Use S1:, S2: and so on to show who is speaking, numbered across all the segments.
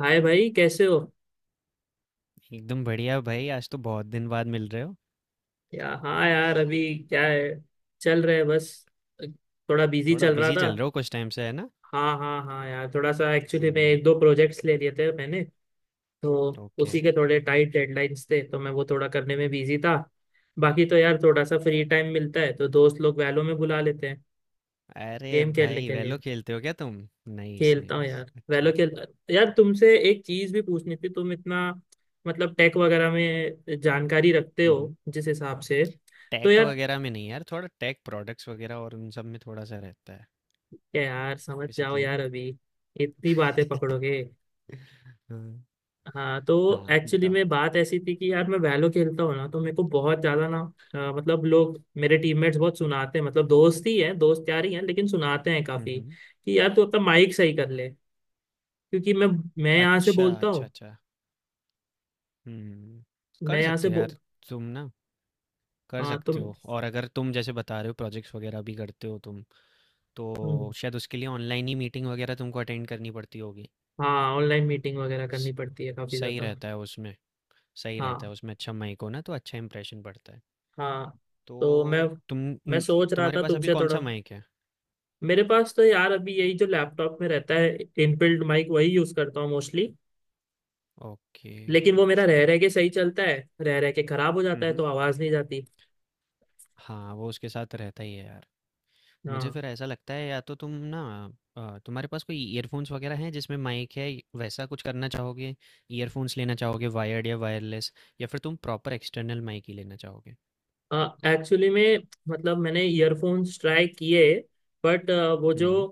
S1: हाय भाई, कैसे हो?
S2: एकदम बढ़िया भाई। आज तो बहुत दिन बाद मिल रहे हो।
S1: या हाँ यार, अभी क्या है, चल रहे है बस। थोड़ा बिजी
S2: थोड़ा
S1: चल रहा
S2: बिजी
S1: था।
S2: चल रहे हो कुछ टाइम से, है ना?
S1: हाँ हाँ हाँ यार, थोड़ा सा एक्चुअली मैं
S2: हम्म।
S1: एक दो प्रोजेक्ट्स ले लिए थे मैंने। तो
S2: ओके।
S1: उसी के थोड़े टाइट डेडलाइंस थे, तो मैं वो थोड़ा करने में बिजी था। बाकी तो यार थोड़ा सा फ्री टाइम मिलता है तो दोस्त लोग वैलो में बुला लेते हैं
S2: अरे
S1: गेम खेलने
S2: भाई,
S1: के लिए।
S2: वेलो खेलते हो क्या तुम? नाइस,
S1: खेलता हूँ
S2: नाइस।
S1: यार, वैलो
S2: अच्छा।
S1: खेल। यार तुमसे एक चीज भी पूछनी थी, तुम इतना मतलब टेक वगैरह में जानकारी रखते हो
S2: हम्म।
S1: जिस हिसाब से। तो
S2: टेक
S1: यार,
S2: वगैरह में नहीं यार, थोड़ा टेक प्रोडक्ट्स वगैरह और उन सब में थोड़ा सा रहता है
S1: क्या यार, समझ जाओ
S2: बेसिकली ना।
S1: यार, अभी इतनी बातें पकड़ोगे?
S2: हाँ,
S1: हाँ तो
S2: हाँ,
S1: एक्चुअली
S2: बताओ।
S1: में बात ऐसी थी कि यार मैं वैलो खेलता हूँ ना, तो मेरे को बहुत ज्यादा ना मतलब लोग, मेरे टीममेट्स बहुत सुनाते हैं, मतलब दोस्त ही हैं, दोस्त यार ही हैं, लेकिन सुनाते हैं काफी
S2: हम्म।
S1: कि यार तू अपना माइक सही कर ले, क्योंकि मैं यहाँ से
S2: अच्छा,
S1: बोलता
S2: अच्छा,
S1: हूँ।
S2: अच्छा। हम्म।
S1: मैं
S2: कर
S1: यहाँ से
S2: सकते हो
S1: बो।
S2: यार, तुम ना कर
S1: हाँ तो
S2: सकते हो। और अगर तुम जैसे बता रहे हो प्रोजेक्ट्स वगैरह भी करते हो तुम, तो
S1: हम्म,
S2: शायद उसके लिए ऑनलाइन ही मीटिंग वगैरह तुमको अटेंड करनी पड़ती होगी।
S1: हाँ ऑनलाइन मीटिंग वगैरह करनी
S2: स-
S1: पड़ती है काफी
S2: सही
S1: ज्यादा।
S2: रहता है उसमें। सही रहता
S1: हाँ
S2: है उसमें, अच्छा माइक हो ना तो अच्छा इंप्रेशन पड़ता है।
S1: हाँ
S2: तो
S1: तो मैं
S2: तुम न-
S1: सोच रहा
S2: तुम्हारे
S1: था
S2: पास अभी
S1: तुमसे
S2: कौन
S1: थोड़ा।
S2: सा माइक है?
S1: मेरे पास तो यार अभी यही जो लैपटॉप में रहता है, इनबिल्ट माइक वही यूज करता हूँ मोस्टली।
S2: ओके।
S1: लेकिन वो मेरा
S2: अच्छा।
S1: रह रह के सही चलता है, रह रह के खराब हो
S2: हम्म,
S1: जाता है
S2: हम्म।
S1: तो आवाज नहीं जाती।
S2: हाँ, वो उसके साथ रहता ही है यार। मुझे
S1: हाँ,
S2: फिर ऐसा लगता है, या तो तुम ना, तुम्हारे पास कोई ईयरफोन्स वगैरह हैं जिसमें माइक है। वैसा कुछ करना चाहोगे? ईयरफोन्स लेना चाहोगे, वायर्ड या वायरलेस? या फिर तुम प्रॉपर एक्सटर्नल माइक ही लेना चाहोगे?
S1: एक्चुअली में मतलब मैंने ईयरफोन्स ट्राई किए, बट वो जो
S2: हम्म।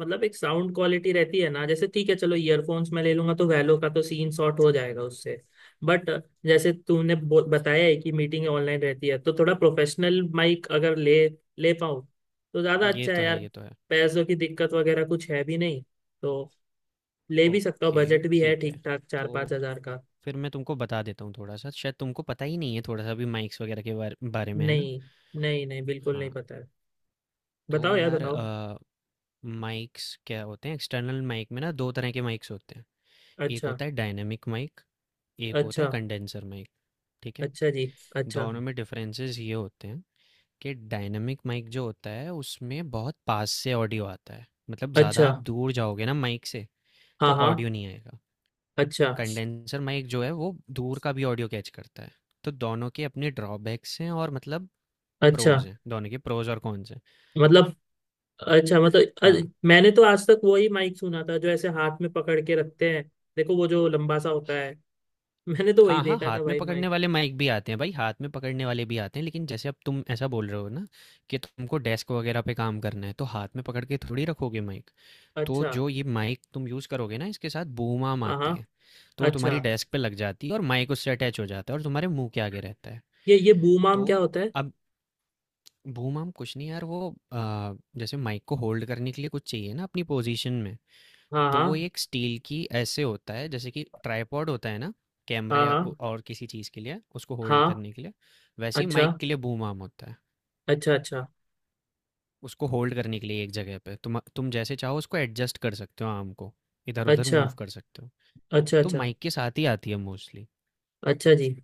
S1: मतलब एक साउंड क्वालिटी रहती है ना, जैसे ठीक है चलो ईयरफोन्स मैं ले लूंगा तो वैलो का तो सीन शॉर्ट हो जाएगा उससे। बट जैसे तूने बताया है कि मीटिंग ऑनलाइन रहती है, तो थोड़ा प्रोफेशनल माइक अगर ले ले पाऊँ तो ज़्यादा
S2: ये
S1: अच्छा है
S2: तो है,
S1: यार।
S2: ये तो है।
S1: पैसों की दिक्कत वगैरह कुछ है भी नहीं, तो ले भी सकता हूँ।
S2: ओके,
S1: बजट भी है
S2: ठीक है।
S1: ठीक ठाक, चार
S2: तो
S1: पाँच हजार का।
S2: फिर मैं तुमको बता देता हूँ थोड़ा सा, शायद तुमको पता ही नहीं है थोड़ा सा भी माइक्स वगैरह के बारे में, है ना?
S1: नहीं नहीं नहीं, बिल्कुल नहीं
S2: हाँ,
S1: पता है।
S2: तो
S1: बताओ यार,
S2: यार
S1: बताओ।
S2: माइक्स क्या होते हैं? एक्सटर्नल माइक में ना दो तरह के माइक्स होते हैं। एक
S1: अच्छा।
S2: होता है डायनेमिक माइक। एक होता
S1: अच्छा।
S2: है कंडेंसर माइक। ठीक है।
S1: अच्छा जी। अच्छा।
S2: दोनों में डिफरेंसेस ये होते हैं, कि डायनेमिक माइक जो होता है उसमें बहुत पास से ऑडियो आता है, मतलब ज़्यादा
S1: अच्छा।
S2: आप दूर जाओगे ना माइक से
S1: हाँ
S2: तो
S1: हाँ।
S2: ऑडियो नहीं आएगा।
S1: अच्छा।
S2: कंडेंसर माइक जो है वो दूर का भी ऑडियो कैच करता है। तो दोनों के अपने ड्रॉबैक्स हैं और मतलब
S1: अच्छा
S2: प्रोज हैं, दोनों के प्रोज और कॉन्स हैं।
S1: मतलब अच्छा मतलब
S2: हाँ,
S1: मैंने तो आज तक वही माइक सुना था जो ऐसे हाथ में पकड़ के रखते हैं। देखो, वो जो लंबा सा होता है। मैंने तो वही
S2: हाँ, हाँ,
S1: देखा
S2: हाथ
S1: था
S2: में
S1: भाई,
S2: पकड़ने
S1: माइक।
S2: वाले माइक भी आते हैं भाई, हाथ में पकड़ने वाले भी आते हैं, लेकिन जैसे अब तुम ऐसा बोल रहे हो ना, कि तुमको डेस्क वगैरह पे काम करना है तो हाथ में पकड़ के थोड़ी रखोगे माइक। तो
S1: अच्छा।
S2: जो ये माइक तुम यूज़ करोगे ना, इसके साथ बूम आम
S1: हाँ
S2: आती
S1: हाँ।
S2: है। तो वो
S1: अच्छा,
S2: तुम्हारी डेस्क पे लग जाती है और माइक उससे अटैच हो जाता है और तुम्हारे मुंह के आगे रहता है।
S1: ये बूम
S2: तो
S1: आर्म क्या होता है?
S2: अब बूम-आर्म कुछ नहीं यार, वो जैसे माइक को होल्ड करने के लिए कुछ चाहिए ना अपनी पोजीशन में।
S1: हाँ
S2: तो वो
S1: हाँ।
S2: एक स्टील की ऐसे होता है, जैसे कि ट्राइपॉड होता है ना, कैमरा
S1: हाँ
S2: या
S1: हाँ।
S2: और किसी चीज़ के लिए उसको होल्ड
S1: हाँ।
S2: करने के लिए। वैसे ही
S1: अच्छा।
S2: माइक के लिए बूम आर्म होता है।
S1: अच्छा अच्छा।
S2: उसको होल्ड करने के लिए एक जगह पे तुम जैसे चाहो उसको एडजस्ट कर सकते हो आर्म को, इधर उधर
S1: अच्छा।
S2: मूव कर सकते हो।
S1: अच्छा।
S2: तो
S1: अच्छा।
S2: माइक के साथ ही आती है मोस्टली।
S1: अच्छा जी।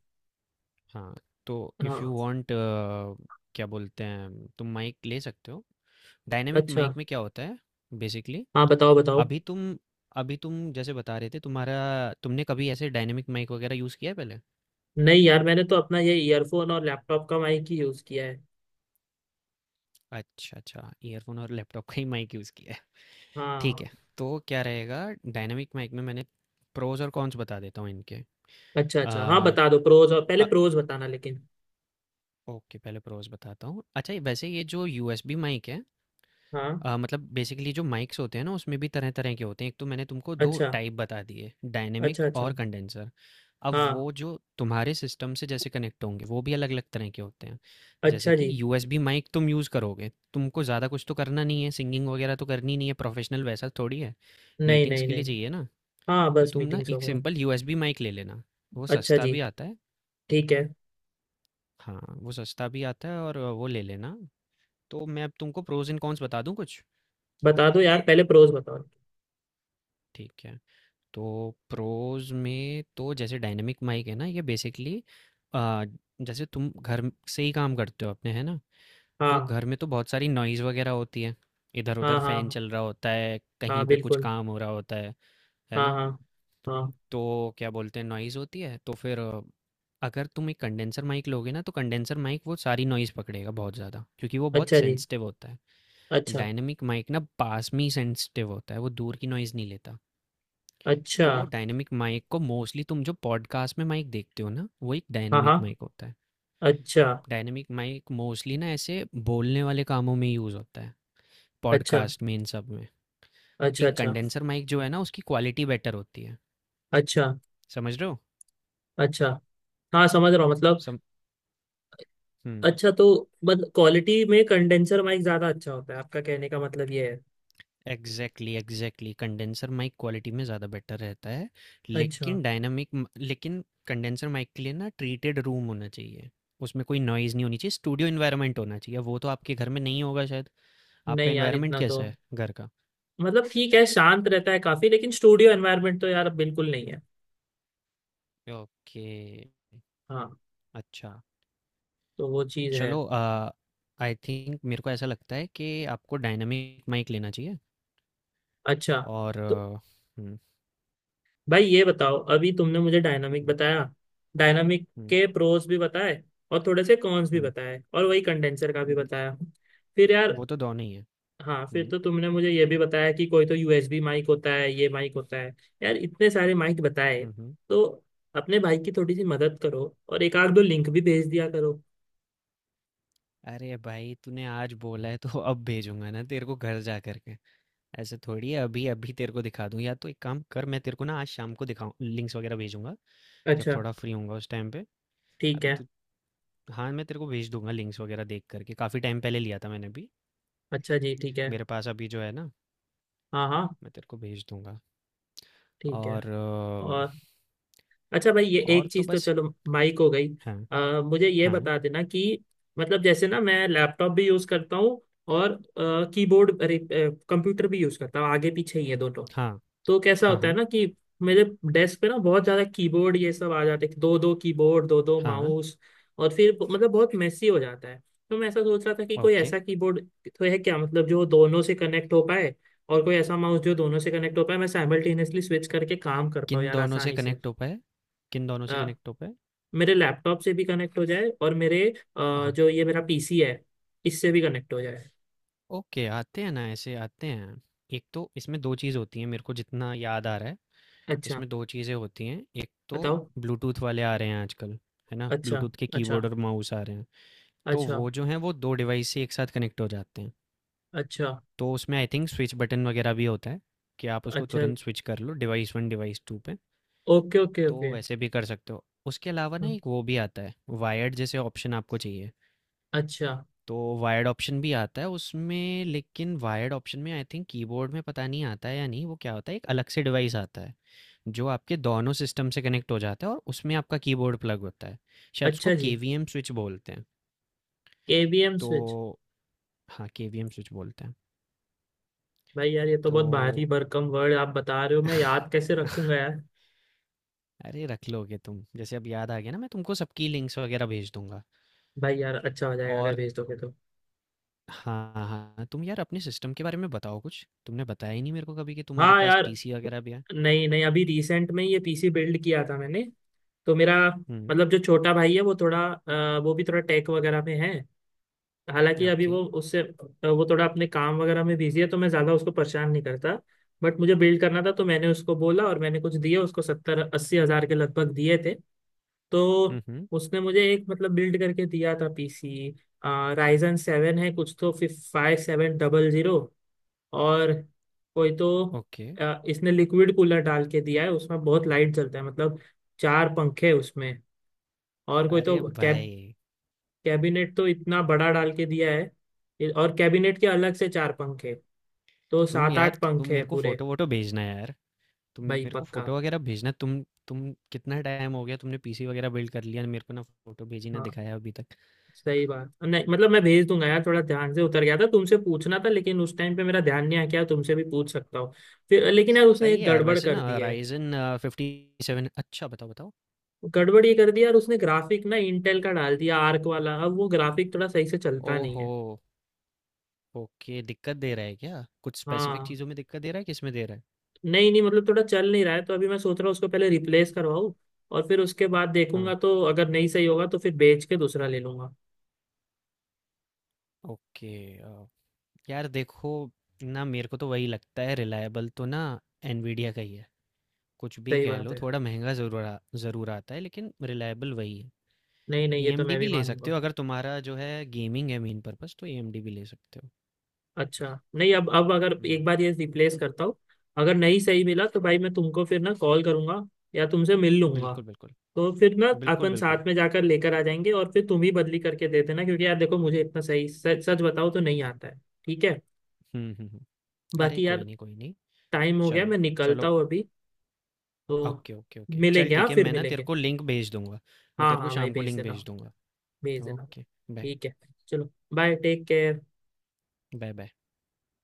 S2: हाँ। तो इफ़ यू
S1: हाँ।
S2: वांट, क्या बोलते हैं, तुम माइक ले सकते हो। डायनेमिक
S1: अच्छा।
S2: माइक में क्या होता है बेसिकली?
S1: हाँ, बताओ बताओ।
S2: अभी तुम अभी तुम जैसे बता रहे थे तुम्हारा, तुमने कभी ऐसे डायनेमिक माइक वगैरह यूज़ किया है पहले?
S1: नहीं यार, मैंने तो अपना ये ईयरफोन और लैपटॉप का माइक ही यूज किया है।
S2: अच्छा, अच्छा, ईयरफोन और लैपटॉप का ही माइक यूज़ किया है। ठीक
S1: हाँ।
S2: है। तो क्या रहेगा? डायनेमिक माइक में मैंने प्रोज और कॉन्स बता देता हूँ इनके।
S1: अच्छा
S2: आ,
S1: अच्छा, हाँ बता दो प्रोज, और पहले
S2: अ-
S1: प्रोज बताना लेकिन।
S2: ओके, पहले प्रोज बताता हूँ। अच्छा वैसे ये जो यूएसबी माइक है,
S1: हाँ।
S2: मतलब बेसिकली जो माइक्स होते हैं ना उसमें भी तरह-तरह के होते हैं। एक तो मैंने तुमको 2
S1: अच्छा
S2: टाइप बता दिए,
S1: अच्छा।
S2: डायनेमिक
S1: अच्छा।
S2: और कंडेंसर। अब
S1: हाँ।
S2: वो जो तुम्हारे सिस्टम से जैसे कनेक्ट होंगे वो भी अलग-अलग तरह के होते हैं। जैसे
S1: अच्छा
S2: कि
S1: जी।
S2: यूएसबी माइक तुम यूज़ करोगे, तुमको ज़्यादा कुछ तो करना नहीं है, सिंगिंग वगैरह तो करनी नहीं है, प्रोफेशनल वैसा थोड़ी है।
S1: नहीं
S2: मीटिंग्स
S1: नहीं
S2: के लिए
S1: नहीं।
S2: चाहिए ना,
S1: हाँ,
S2: तो
S1: बस
S2: तुम ना
S1: मीटिंग्स
S2: एक
S1: वगैरह।
S2: सिंपल यूएसबी माइक ले लेना, वो
S1: अच्छा
S2: सस्ता
S1: जी,
S2: भी आता है।
S1: ठीक है।
S2: हाँ, वो सस्ता भी आता है और वो ले लेना। तो मैं अब तुमको प्रोज़ एंड कॉन्स बता दूँ कुछ?
S1: बता दो यार, पहले प्रोज बताओ।
S2: ठीक है। तो प्रोज में तो जैसे डायनेमिक माइक है ना ये, बेसिकली जैसे तुम घर से ही काम करते हो अपने, है ना? तो
S1: हाँ
S2: घर में तो बहुत सारी नॉइज़ वगैरह होती है। इधर
S1: हाँ
S2: उधर
S1: हाँ।
S2: फैन
S1: हाँ,
S2: चल रहा होता है,
S1: हाँ,
S2: कहीं पे कुछ
S1: बिल्कुल।
S2: काम हो रहा होता है
S1: हाँ
S2: ना?
S1: हाँ हाँ।
S2: तो क्या बोलते हैं, नॉइज़ होती है तो फिर अगर तुम एक कंडेंसर माइक लोगे ना तो कंडेंसर माइक वो सारी नॉइज़ पकड़ेगा बहुत ज़्यादा, क्योंकि वो बहुत
S1: अच्छा जी।
S2: सेंसिटिव होता है।
S1: अच्छा।
S2: डायनेमिक माइक ना पास में ही सेंसिटिव होता है, वो दूर की नॉइज़ नहीं लेता।
S1: अच्छा।
S2: तो डायनेमिक माइक को मोस्टली, तुम जो पॉडकास्ट में माइक देखते हो ना, वो एक
S1: हाँ
S2: डायनेमिक
S1: हाँ।
S2: माइक होता है।
S1: अच्छा
S2: डायनेमिक माइक मोस्टली ना ऐसे बोलने वाले कामों में यूज़ होता है,
S1: अच्छा।
S2: पॉडकास्ट में, इन सब में।
S1: अच्छा।
S2: एक
S1: अच्छा।
S2: कंडेंसर माइक जो है ना, उसकी क्वालिटी बेटर होती है।
S1: अच्छा।
S2: समझ रहे हो?
S1: अच्छा। हाँ समझ रहा हूँ, मतलब
S2: सम हम्म।
S1: अच्छा तो बट क्वालिटी में कंडेंसर माइक ज़्यादा अच्छा होता है, आपका कहने का मतलब ये है?
S2: Exactly, exactly, condenser mic quality में ज़्यादा बेटर रहता है।
S1: अच्छा।
S2: लेकिन कंडेंसर माइक के लिए ना ट्रीटेड रूम होना चाहिए। उसमें कोई नॉइज़ नहीं होनी चाहिए, स्टूडियो इन्वायरमेंट होना चाहिए, वो तो आपके घर में नहीं होगा शायद। आपका
S1: नहीं यार
S2: इन्वायरमेंट
S1: इतना तो
S2: कैसा है घर का?
S1: मतलब ठीक है, शांत रहता है काफी, लेकिन स्टूडियो एनवायरनमेंट तो यार अब बिल्कुल नहीं है।
S2: ओके।
S1: हाँ,
S2: अच्छा।
S1: तो वो चीज है।
S2: चलो, आई थिंक मेरे को ऐसा लगता है कि आपको डायनामिक माइक लेना चाहिए।
S1: अच्छा।
S2: और
S1: तो
S2: हम्म।
S1: भाई ये बताओ, अभी तुमने मुझे डायनामिक
S2: हम्म।
S1: बताया, डायनामिक
S2: हम्म।
S1: के प्रोस भी बताए, और थोड़े से कॉन्स भी
S2: हम्म,
S1: बताए, और वही कंडेंसर का भी
S2: न-
S1: बताया। फिर यार,
S2: वो तो दोनों ही है।
S1: हाँ फिर
S2: हम्म।
S1: तो तुमने मुझे ये भी बताया कि कोई तो यूएसबी माइक होता है, ये माइक होता है, यार इतने सारे माइक बताए।
S2: हम्म। हम्म।
S1: तो अपने भाई की थोड़ी सी मदद करो और एक आध दो लिंक भी भेज दिया करो।
S2: अरे भाई तूने आज बोला है तो अब भेजूंगा ना तेरे को, घर जा करके। ऐसे थोड़ी है अभी अभी तेरे को दिखा दूं, या तो एक काम कर, मैं तेरे को ना आज शाम को दिखाऊं, लिंक्स वगैरह भेजूंगा जब
S1: अच्छा।
S2: थोड़ा फ्री होऊंगा उस टाइम पे।
S1: ठीक
S2: अभी
S1: है।
S2: तू, हाँ, मैं तेरे को भेज दूंगा लिंक्स वगैरह, देख करके काफ़ी टाइम पहले लिया था मैंने भी।
S1: अच्छा जी, ठीक है।
S2: मेरे पास अभी जो है ना,
S1: हाँ हाँ।
S2: मैं तेरे को भेज दूँगा।
S1: ठीक है।
S2: और
S1: और अच्छा भाई, ये
S2: और
S1: एक
S2: तो
S1: चीज तो
S2: बस।
S1: चलो, माइक हो गई।
S2: हाँ,
S1: मुझे ये
S2: हाँ,
S1: बता देना कि मतलब जैसे ना मैं लैपटॉप भी यूज करता हूँ, और कीबोर्ड अरे, कंप्यूटर भी यूज करता हूँ। आगे पीछे ही है दोनों।
S2: हाँ,
S1: तो कैसा
S2: हाँ,
S1: होता है
S2: हाँ,
S1: ना कि मेरे डेस्क पे ना बहुत ज्यादा कीबोर्ड ये सब आ जाते हैं, दो दो कीबोर्ड, दो दो
S2: हाँ,
S1: माउस, और फिर मतलब बहुत मेसी हो जाता है। तो मैं ऐसा सोच रहा था कि कोई
S2: ओके।
S1: ऐसा कीबोर्ड तो है क्या, मतलब जो दोनों से कनेक्ट हो पाए, और कोई ऐसा माउस जो दोनों से कनेक्ट हो पाए, मैं साइमल्टेनियसली स्विच करके काम कर पाऊँ
S2: किन
S1: यार
S2: दोनों से
S1: आसानी से।
S2: कनेक्ट हो पाए? किन दोनों से कनेक्ट हो पाए?
S1: मेरे लैपटॉप से भी कनेक्ट हो जाए और मेरे
S2: हाँ,
S1: जो ये मेरा पीसी है, इससे भी कनेक्ट हो जाए।
S2: ओके, आते हैं ना, ऐसे आते हैं। एक तो इसमें 2 चीज़ होती हैं मेरे को जितना याद आ रहा है,
S1: अच्छा,
S2: इसमें 2 चीज़ें होती हैं। एक तो
S1: बताओ।
S2: ब्लूटूथ वाले आ रहे हैं आजकल, है ना?
S1: अच्छा।
S2: ब्लूटूथ के
S1: अच्छा।
S2: कीबोर्ड और माउस आ रहे हैं। तो
S1: अच्छा।
S2: वो जो हैं वो 2 डिवाइस से एक साथ कनेक्ट हो जाते हैं।
S1: अच्छा।
S2: तो उसमें आई थिंक स्विच बटन वगैरह भी होता है, कि आप उसको
S1: अच्छा।
S2: तुरंत स्विच कर लो डिवाइस वन डिवाइस टू पे।
S1: ओके ओके
S2: तो
S1: ओके।
S2: वैसे भी कर सकते हो, उसके अलावा ना
S1: हम्म,
S2: एक वो भी आता है, वायर्ड जैसे ऑप्शन आपको चाहिए।
S1: अच्छा।
S2: तो वायर्ड ऑप्शन भी आता है उसमें, लेकिन वायर्ड ऑप्शन में आई थिंक कीबोर्ड में पता नहीं आता है या नहीं, वो क्या होता है, एक अलग से डिवाइस आता है जो आपके दोनों सिस्टम से कनेक्ट हो जाता है और उसमें आपका कीबोर्ड प्लग होता है। शायद उसको
S1: अच्छा जी।
S2: केवीएम स्विच बोलते हैं।
S1: केवीएम
S2: तो
S1: स्विच?
S2: हाँ, केवीएम स्विच बोलते हैं।
S1: भाई यार, ये तो
S2: तो
S1: बहुत भारी भरकम वर्ड आप बता रहे हो, मैं याद कैसे रखूंगा यार?
S2: अरे रख लोगे तुम, जैसे अब याद आ गया ना, मैं तुमको सबकी लिंक्स वगैरह भेज दूंगा।
S1: भाई यार अच्छा हो जाएगा अगर
S2: और
S1: भेज दोगे तो।
S2: हाँ, हाँ, तुम यार अपने सिस्टम के बारे में बताओ कुछ, तुमने बताया ही नहीं मेरे को कभी कि तुम्हारे
S1: हाँ
S2: पास
S1: यार।
S2: पीसी वगैरह भी है।
S1: नहीं नहीं, अभी रिसेंट में ही ये पीसी बिल्ड किया था मैंने। तो मेरा
S2: हम्म।
S1: मतलब जो छोटा भाई है वो थोड़ा वो भी थोड़ा टेक वगैरह में है। हालांकि अभी
S2: ओके।
S1: वो उससे वो थोड़ा अपने काम वगैरह में बिजी है, तो मैं ज्यादा उसको परेशान नहीं करता। बट मुझे बिल्ड करना था तो मैंने उसको बोला और मैंने कुछ दिया उसको, 70-80 हज़ार के लगभग दिए थे। तो
S2: हम्म, हम्म।
S1: उसने मुझे एक मतलब बिल्ड करके दिया था पीसी। राइजन 7 है कुछ तो, 5700, और कोई तो
S2: ओके,
S1: इसने लिक्विड कूलर डाल के दिया है, उसमें बहुत लाइट जलता है मतलब। चार पंखे हैं उसमें, और कोई तो
S2: अरे भाई,
S1: कैबिनेट तो इतना बड़ा डाल के दिया है। और कैबिनेट के अलग से चार पंखे, तो
S2: तुम
S1: सात
S2: यार,
S1: आठ
S2: तुम
S1: पंखे
S2: मेरे
S1: हैं
S2: को
S1: पूरे।
S2: फोटो वोटो भेजना यार। तुम
S1: भाई
S2: मेरे को
S1: पक्का।
S2: फोटो वगैरह भेजना, तुम, कितना टाइम हो गया तुमने पीसी वगैरह बिल्ड कर लिया, मेरे को ना फोटो भेजी ना
S1: हाँ,
S2: दिखाया अभी तक।
S1: सही बात नहीं। मतलब मैं भेज दूंगा यार, थोड़ा ध्यान से उतर गया था, तुमसे पूछना था लेकिन उस टाइम पे मेरा ध्यान नहीं आया। क्या तुमसे भी पूछ सकता हूँ फिर? लेकिन यार, उसने
S2: सही
S1: एक
S2: है यार,
S1: गड़बड़
S2: वैसे
S1: कर
S2: ना
S1: दी है।
S2: राइजन फिफ्टी सेवन, अच्छा बताओ, बताओ।
S1: गड़बड़ ये कर दिया यार उसने, ग्राफिक ना इंटेल का डाल दिया आर्क वाला, अब वो ग्राफिक थोड़ा सही से चलता नहीं
S2: ओहो।
S1: है।
S2: ओके, दिक्कत दे रहा है क्या? कुछ स्पेसिफिक
S1: हाँ।
S2: चीज़ों में दिक्कत दे रहा है, किसमें दे रहा है?
S1: नहीं नहीं, मतलब थोड़ा चल नहीं रहा है, तो अभी मैं सोच रहा हूँ उसको पहले रिप्लेस करवाऊँ, और फिर उसके बाद
S2: हाँ,
S1: देखूंगा। तो अगर नहीं सही होगा तो फिर बेच के दूसरा ले लूंगा।
S2: ओके, अ, यार देखो ना, मेरे को तो वही लगता है रिलायबल तो ना एनवीडिया का ही है। कुछ भी
S1: सही
S2: कह
S1: बात
S2: लो,
S1: है।
S2: थोड़ा महँगा ज़रूर आता है लेकिन रिलायबल वही है।
S1: नहीं नहीं, ये तो
S2: एएमडी
S1: मैं
S2: भी
S1: भी
S2: ले सकते
S1: मानूंगा।
S2: हो, अगर तुम्हारा जो है गेमिंग है मेन पर्पज़, तो एएमडी भी ले सकते हो।
S1: अच्छा नहीं, अब अब अगर
S2: हुँ,
S1: एक बार ये रिप्लेस करता हूँ, अगर नहीं सही मिला तो भाई मैं तुमको फिर ना कॉल करूंगा, या तुमसे मिल लूंगा।
S2: बिल्कुल, बिल्कुल।
S1: तो फिर ना
S2: बिल्कुल,
S1: अपन
S2: बिल्कुल।
S1: साथ में जाकर लेकर आ जाएंगे, और फिर तुम ही बदली करके दे देना, क्योंकि यार देखो मुझे इतना सही सच सच बताओ तो नहीं आता है, ठीक है।
S2: हुँ, हुँ, हुँ। अरे
S1: बाकी
S2: कोई
S1: यार,
S2: नहीं, कोई नहीं।
S1: टाइम हो गया,
S2: चलो,
S1: मैं निकलता
S2: चलो।
S1: हूँ अभी। तो
S2: ओके, ओके, ओके। चल
S1: मिलेंगे, हाँ
S2: ठीक है,
S1: फिर
S2: मैं ना तेरे
S1: मिलेंगे।
S2: को लिंक भेज दूँगा। मैं
S1: हाँ
S2: तेरे को
S1: हाँ भाई,
S2: शाम को
S1: भेज
S2: लिंक
S1: देना।
S2: भेज दूँगा।
S1: भेज देना।
S2: ओके। बाय।
S1: ठीक है, चलो bye, take care.
S2: Bye, bye.